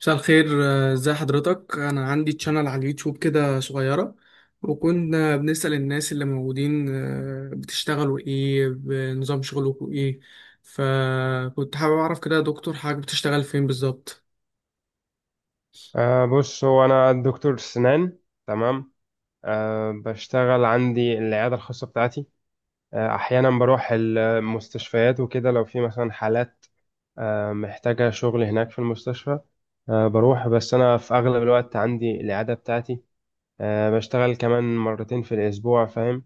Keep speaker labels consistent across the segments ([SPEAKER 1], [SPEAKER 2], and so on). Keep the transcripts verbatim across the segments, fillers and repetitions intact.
[SPEAKER 1] مساء الخير. آه، ازي حضرتك؟ انا عندي تشانل على اليوتيوب كده صغيرة، وكنا بنسأل الناس اللي موجودين آه، بتشتغلوا ايه؟ بنظام شغلكم ايه؟ فكنت حابب اعرف كده يا دكتور، حضرتك بتشتغل فين بالظبط؟
[SPEAKER 2] أه بص هو أنا دكتور سنان. تمام. أه بشتغل عندي العيادة الخاصة بتاعتي. أه أحيانا بروح المستشفيات وكده لو في مثلا حالات أه محتاجة شغل هناك في المستشفى. أه بروح، بس أنا في أغلب الوقت عندي العيادة بتاعتي. أه بشتغل كمان مرتين في الأسبوع، فاهم؟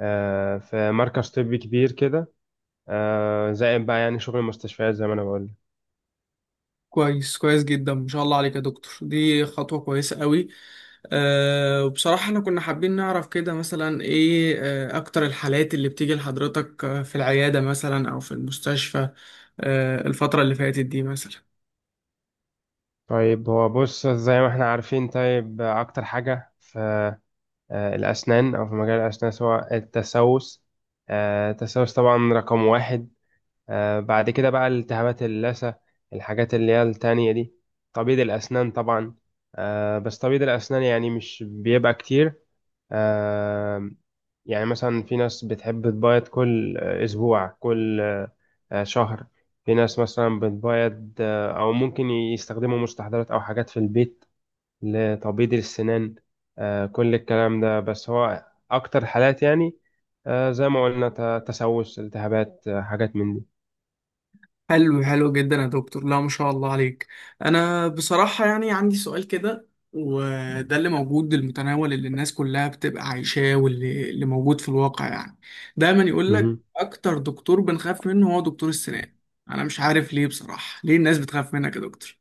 [SPEAKER 2] أه في مركز طبي كبير كده، أه زائد بقى يعني شغل المستشفيات زي ما أنا بقول.
[SPEAKER 1] كويس، كويس جدا، ما شاء الله عليك يا دكتور، دي خطوة كويسة قوي. آه، وبصراحة احنا كنا حابين نعرف كده مثلا ايه آه، اكتر الحالات اللي بتيجي لحضرتك آه، في العيادة مثلا او في المستشفى، آه، الفترة اللي فاتت دي مثلا؟
[SPEAKER 2] طيب هو بص زي ما احنا عارفين، طيب أكتر حاجة في آه، الأسنان أو في مجال الأسنان، سواء التسوس. آه، التسوس طبعا رقم واحد. آه، بعد كده بقى التهابات اللثة، الحاجات اللي هي التانية دي. تبييض الأسنان طبعا. آه، بس تبييض الأسنان يعني مش بيبقى كتير. آه، يعني مثلا في ناس بتحب تبيض كل آه، أسبوع، كل آه، آه، شهر. في ناس مثلا بتبيض آه، أو ممكن يستخدموا مستحضرات أو حاجات في البيت لتبييض السنان. آه، كل الكلام ده. بس هو أكتر حالات يعني آه، زي ما قلنا ت- تسوس، التهابات، آه، حاجات من دي.
[SPEAKER 1] حلو، حلو جدا يا دكتور، لا ما شاء الله عليك. انا بصراحة يعني عندي سؤال كده، وده اللي موجود المتناول اللي الناس كلها بتبقى عايشاه، واللي اللي موجود في الواقع، يعني دايما يقول لك
[SPEAKER 2] مهم.
[SPEAKER 1] اكتر دكتور بنخاف منه هو دكتور السنان. انا مش عارف ليه بصراحة، ليه الناس بتخاف منك يا دكتور؟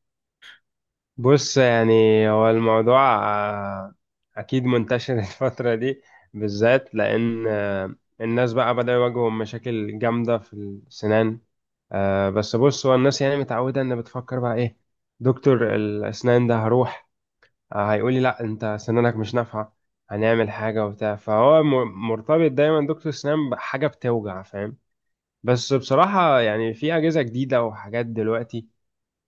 [SPEAKER 2] بص يعني، هو الموضوع آه، أكيد منتشر الفترة دي بالذات، لأن آه، الناس بقى بدأوا يواجهوا مشاكل جامدة في السنان. آه، بس بص، هو الناس يعني متعودة إن بتفكر بقى إيه. دكتور الأسنان ده هروح هيقول لي لا انت سنانك مش نافعه، هنعمل حاجه وبتاع. فهو م- مرتبط دايما دكتور سنان بحاجه بتوجع، فاهم؟ بس بصراحه يعني في اجهزه جديده وحاجات دلوقتي،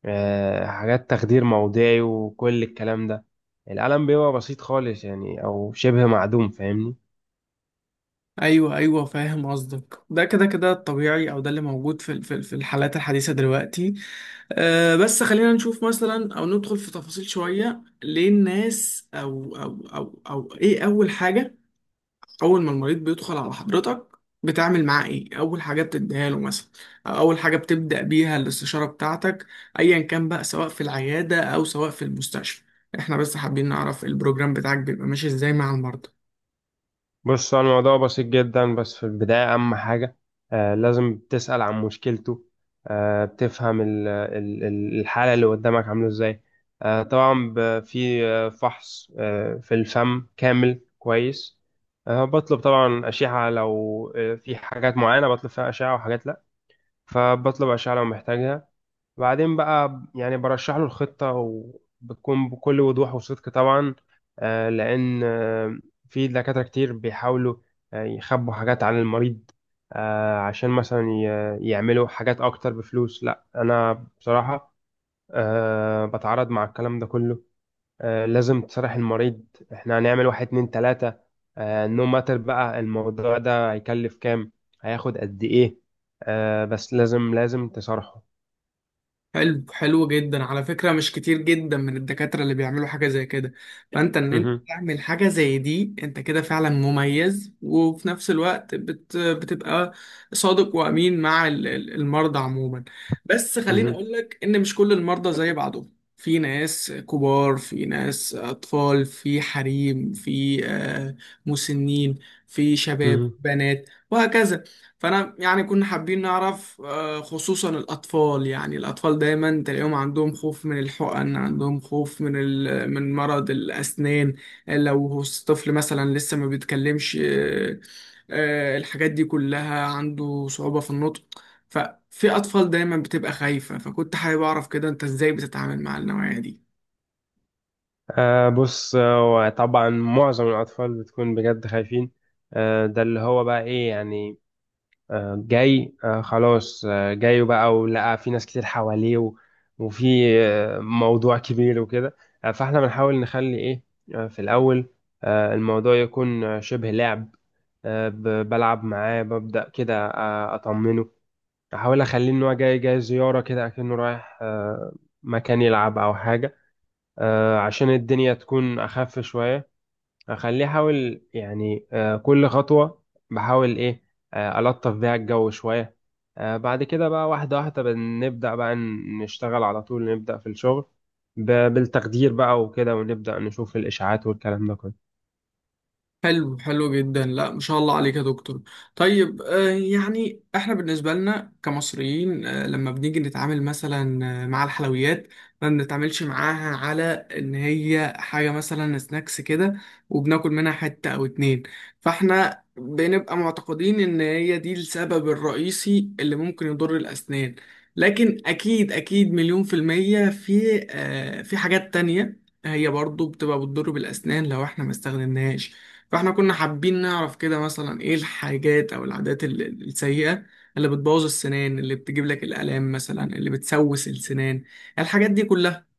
[SPEAKER 2] آه، حاجات تخدير موضعي وكل الكلام ده. القلم بيبقى بسيط خالص يعني، او شبه معدوم، فاهمني؟
[SPEAKER 1] ايوه، ايوه، فاهم قصدك. ده كده كده الطبيعي، او ده اللي موجود في في في الحالات الحديثه دلوقتي. أه بس خلينا نشوف مثلا او ندخل في تفاصيل شويه، ليه الناس او او او او ايه اول حاجه اول ما المريض بيدخل على حضرتك؟ بتعمل معاه ايه اول حاجه بتديها له مثلا؟ او اول حاجه بتبدا بيها الاستشاره بتاعتك؟ ايا كان بقى، سواء في العياده او سواء في المستشفى، احنا بس حابين نعرف البروجرام بتاعك بيبقى ماشي ازاي مع المرضى.
[SPEAKER 2] بص هو الموضوع بسيط جدا، بس في البداية أهم حاجة آه لازم تسأل عن مشكلته. آه بتفهم ال- ال- ال- الحالة اللي قدامك عاملة إزاي. آه طبعا ب- في آه، فحص آه في الفم كامل كويس. آه بطلب طبعا أشعة لو آه في حاجات معينة بطلب فيها أشعة، وحاجات لأ. فبطلب أشعة لو محتاجها. بعدين بقى يعني برشح له الخطة، وبتكون بكل وضوح وصدق طبعا. آه، لأن آه، في دكاترة كتير بيحاولوا آه، يخبوا حاجات عن المريض آه، عشان مثلا ي- يعملوا حاجات أكتر بفلوس. لا، أنا بصراحة آه، بتعارض مع الكلام ده كله. آه، لازم تصرح المريض، احنا هنعمل واحد اتنين تلاتة. آه، no matter بقى الموضوع ده هيكلف كام، هياخد قد ايه. آه، بس لازم لازم تصرحه.
[SPEAKER 1] حلو، حلو جدا. على فكرة مش كتير جدا من الدكاترة اللي بيعملوا حاجة زي كده، فانت ان انت
[SPEAKER 2] مهم.
[SPEAKER 1] تعمل حاجة زي دي انت كده فعلا مميز، وفي نفس الوقت بت بتبقى صادق وامين مع ال- ال- المرضى عموما. بس خليني
[SPEAKER 2] مهم.
[SPEAKER 1] اقول لك ان مش كل المرضى زي بعضهم، في ناس كبار، في ناس اطفال، في حريم، في آه، مسنين، في شباب،
[SPEAKER 2] مهم.
[SPEAKER 1] بنات، وهكذا. فانا يعني كنا حابين نعرف آه، خصوصا الاطفال، يعني الاطفال دايما تلاقيهم عندهم خوف من الحقن، عندهم خوف من ال- من مرض الاسنان. آه، لو هو الطفل مثلا لسه ما بيتكلمش، آه، آه، الحاجات دي كلها عنده صعوبة في النطق، ففي اطفال دايما بتبقى خايفة، فكنت حابب اعرف كده انت ازاي بتتعامل مع النوعية دي؟
[SPEAKER 2] آه بص، آه طبعا معظم الأطفال بتكون بجد خايفين. آه ده اللي هو بقى إيه يعني. آه جاي آه خلاص، آه جاي بقى ولقى في ناس كتير حواليه، و- وفي آه موضوع كبير وكده. آه فإحنا بنحاول نخلي إيه. آه في الأول آه الموضوع يكون آه شبه لعب. آه ب- بلعب معاه، ببدأ كده، آه أطمنه، أحاول أخليه إن هو جاي جاي زيارة كده، أكنه رايح آه مكان يلعب أو حاجة. آه، عشان الدنيا تكون أخف شوية. أخليه، أحاول يعني آه، كل خطوة بحاول إيه. آه، ألطف بيها الجو شوية. آه، بعد كده بقى واحدة واحدة بنبدأ بقى ن- نشتغل على طول، نبدأ في الشغل ب- بالتقدير بقى وكده، ونبدأ نشوف الإشاعات والكلام ده كله.
[SPEAKER 1] حلو، حلو جدا، لا ما شاء الله عليك يا دكتور. طيب، آه، يعني احنا بالنسبة لنا كمصريين، آه، لما بنيجي نتعامل مثلا آه، مع الحلويات، ما بنتعاملش معاها على ان هي حاجة مثلا سناكس كده، وبناكل منها حتة او اتنين، فاحنا بنبقى معتقدين ان هي دي السبب الرئيسي اللي ممكن يضر الاسنان. لكن اكيد، اكيد مليون في المية في آه، في حاجات تانية هي برضو بتبقى بتضر بالأسنان لو احنا ما استخدمناهاش. فاحنا كنا حابين نعرف كده مثلا ايه الحاجات او العادات ال- ال- السيئة اللي بتبوظ السنان، اللي بتجيب لك الآلام مثلا، اللي بتسوس السنان، الحاجات دي كلها؟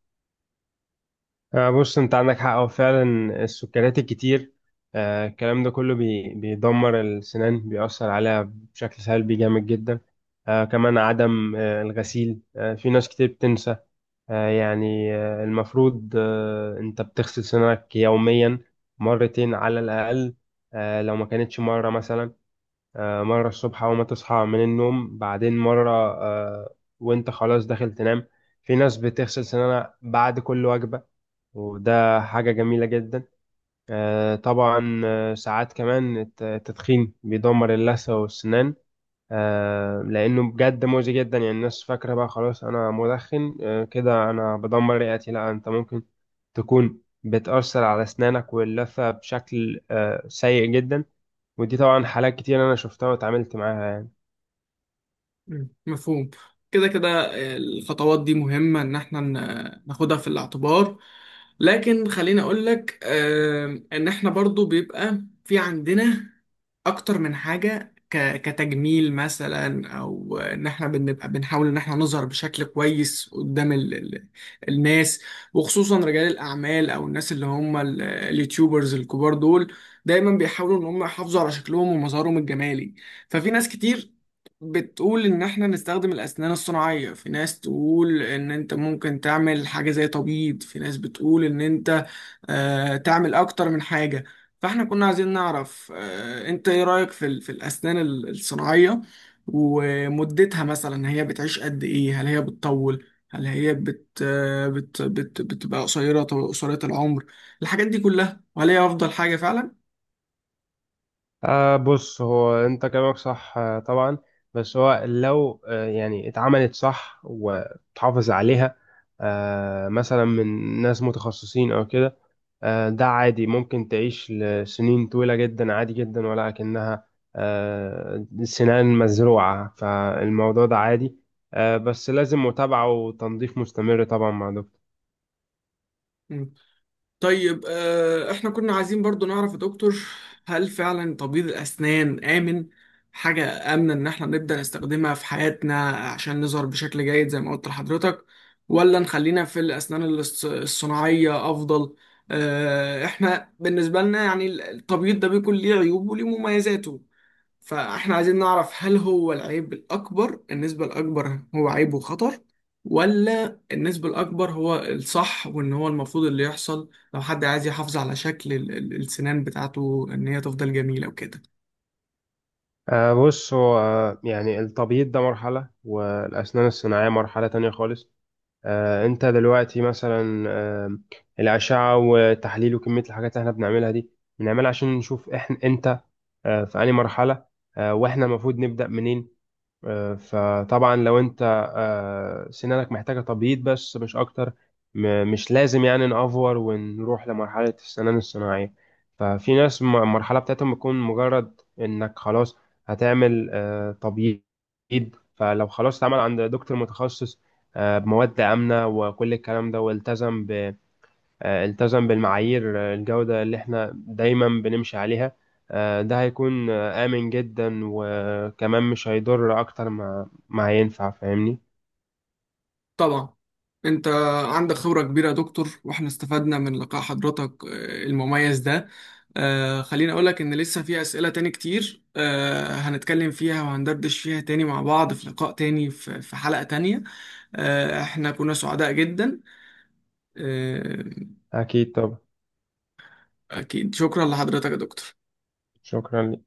[SPEAKER 2] آه، بص أنت عندك حق، هو فعلا السكريات الكتير آه، الكلام ده كله بي- بيدمر السنان، بيأثر عليها بشكل سلبي جامد جدا. آه، كمان عدم آه، الغسيل. آه، في ناس كتير بتنسى. آه، يعني آه، المفروض آه، انت بتغسل سنانك يوميا مرتين على الأقل. آه، لو ما كانتش مرة، مثلا آه، مرة الصبح أول ما تصحى من النوم، بعدين مرة آه، وانت خلاص داخل تنام. في ناس بتغسل سنانها بعد كل وجبة، وده حاجة جميلة جدا. آه، طبعا آه، ساعات كمان الت- التدخين بيدمر اللثة والسنان. آه، لانه بجد مؤذي جدا. يعني الناس فاكره بقى خلاص انا مدخن آه، كده انا بدمر رئتي. لا، انت ممكن تكون بتاثر على اسنانك واللثه بشكل آه، سيء جدا. ودي طبعا حالات كتير انا شفتها واتعاملت معاها يعني.
[SPEAKER 1] مم. مفهوم. كده كده. آه، الخطوات دي مهمة إن إحنا ن- ناخدها في الاعتبار، لكن خليني أقول لك، آم، إن إحنا برضو بيبقى في عندنا أكتر من حاجة ك- كتجميل مثلا، أو إن إحنا بنبقى بنحاول إن إحنا نظهر بشكل كويس قدام ال ال الناس، وخصوصا رجال الأعمال أو الناس اللي هم ال- اليوتيوبرز الكبار دول، دايما بيحاولوا إن هم يحافظوا على شكلهم ومظهرهم الجمالي. ففي ناس كتير بتقول ان احنا نستخدم الاسنان الصناعيه، في ناس تقول ان انت ممكن تعمل حاجه زي تبييض، في ناس بتقول ان انت آه تعمل اكتر من حاجه. فاحنا كنا عايزين نعرف آه انت ايه رايك في ال- في الاسنان ال- الصناعيه؟ ومدتها مثلا هي بتعيش قد ايه؟ هل هي بتطول؟ هل هي بت آه، بت بت بتبقى قصيره، قصيره العمر؟ الحاجات دي كلها، وهل هي افضل حاجه فعلا؟
[SPEAKER 2] آه بص، هو انت كلامك صح آه، طبعا. بس هو لو آه، يعني اتعملت صح وتحافظ عليها آه، مثلا من ناس متخصصين او كده، آه، ده عادي، ممكن تعيش لسنين طويلة جدا عادي جدا. ولكنها آه، سنان مزروعة، فالموضوع ده عادي. آه، بس لازم متابعة وتنظيف مستمر طبعا مع دكتور.
[SPEAKER 1] طيب، آه، احنا كنا عايزين برضو نعرف يا دكتور، هل فعلا تبييض الأسنان آمن؟ حاجة آمنة إن احنا نبدأ نستخدمها في حياتنا عشان نظهر بشكل جيد زي ما قلت لحضرتك؟ ولا نخلينا في الأسنان الص- الصناعية أفضل؟ آه، احنا بالنسبة لنا يعني التبييض ده بيكون ليه عيوب وليه مميزاته، فاحنا عايزين نعرف هل هو العيب الأكبر، النسبة الأكبر هو عيب وخطر، ولا النسبة الأكبر هو الصح وإن هو المفروض اللي يحصل لو حد عايز يحافظ على شكل ال- ال- السنان بتاعته إن هي تفضل جميلة وكده؟
[SPEAKER 2] آه، بص هو آه، يعني التبييض ده مرحلة، والأسنان الصناعية مرحلة تانية خالص. آه، أنت دلوقتي مثلا آه، الأشعة وتحليل وكمية الحاجات اللي احنا بنعملها دي، بنعملها عشان نشوف احنا أنت آه، في أي مرحلة، آه، واحنا المفروض نبدأ منين. آه، فطبعا لو انت آه، سنانك محتاجة تبييض بس مش اكتر، م- مش لازم يعني نأفور ونروح لمرحلة السنان الصناعية. ففي ناس م- المرحلة بتاعتهم بتكون مجرد انك خلاص هتعمل آه، تبييض. فلو خلاص اتعمل عند دكتور متخصص آه، بمواد آمنة وكل الكلام ده، والتزم آه، التزم بالمعايير آه، الجودة اللي احنا دايما بنمشي عليها. آه، ده هيكون آه، آمن جدا، وكمان مش هيضر أكتر ما ما هينفع، فاهمني؟
[SPEAKER 1] طبعا، انت عندك خبرة كبيرة يا دكتور، واحنا استفدنا من لقاء حضرتك آه، المميز ده. آه، خليني اقولك ان لسه في اسئلة تاني كتير آه، هنتكلم فيها وهندردش فيها تاني مع بعض في لقاء تاني في في حلقة تانية. آه، احنا كنا سعداء جدا. آه،
[SPEAKER 2] أكيد طبعا.
[SPEAKER 1] اكيد، شكرا لحضرتك يا دكتور.
[SPEAKER 2] شكرا.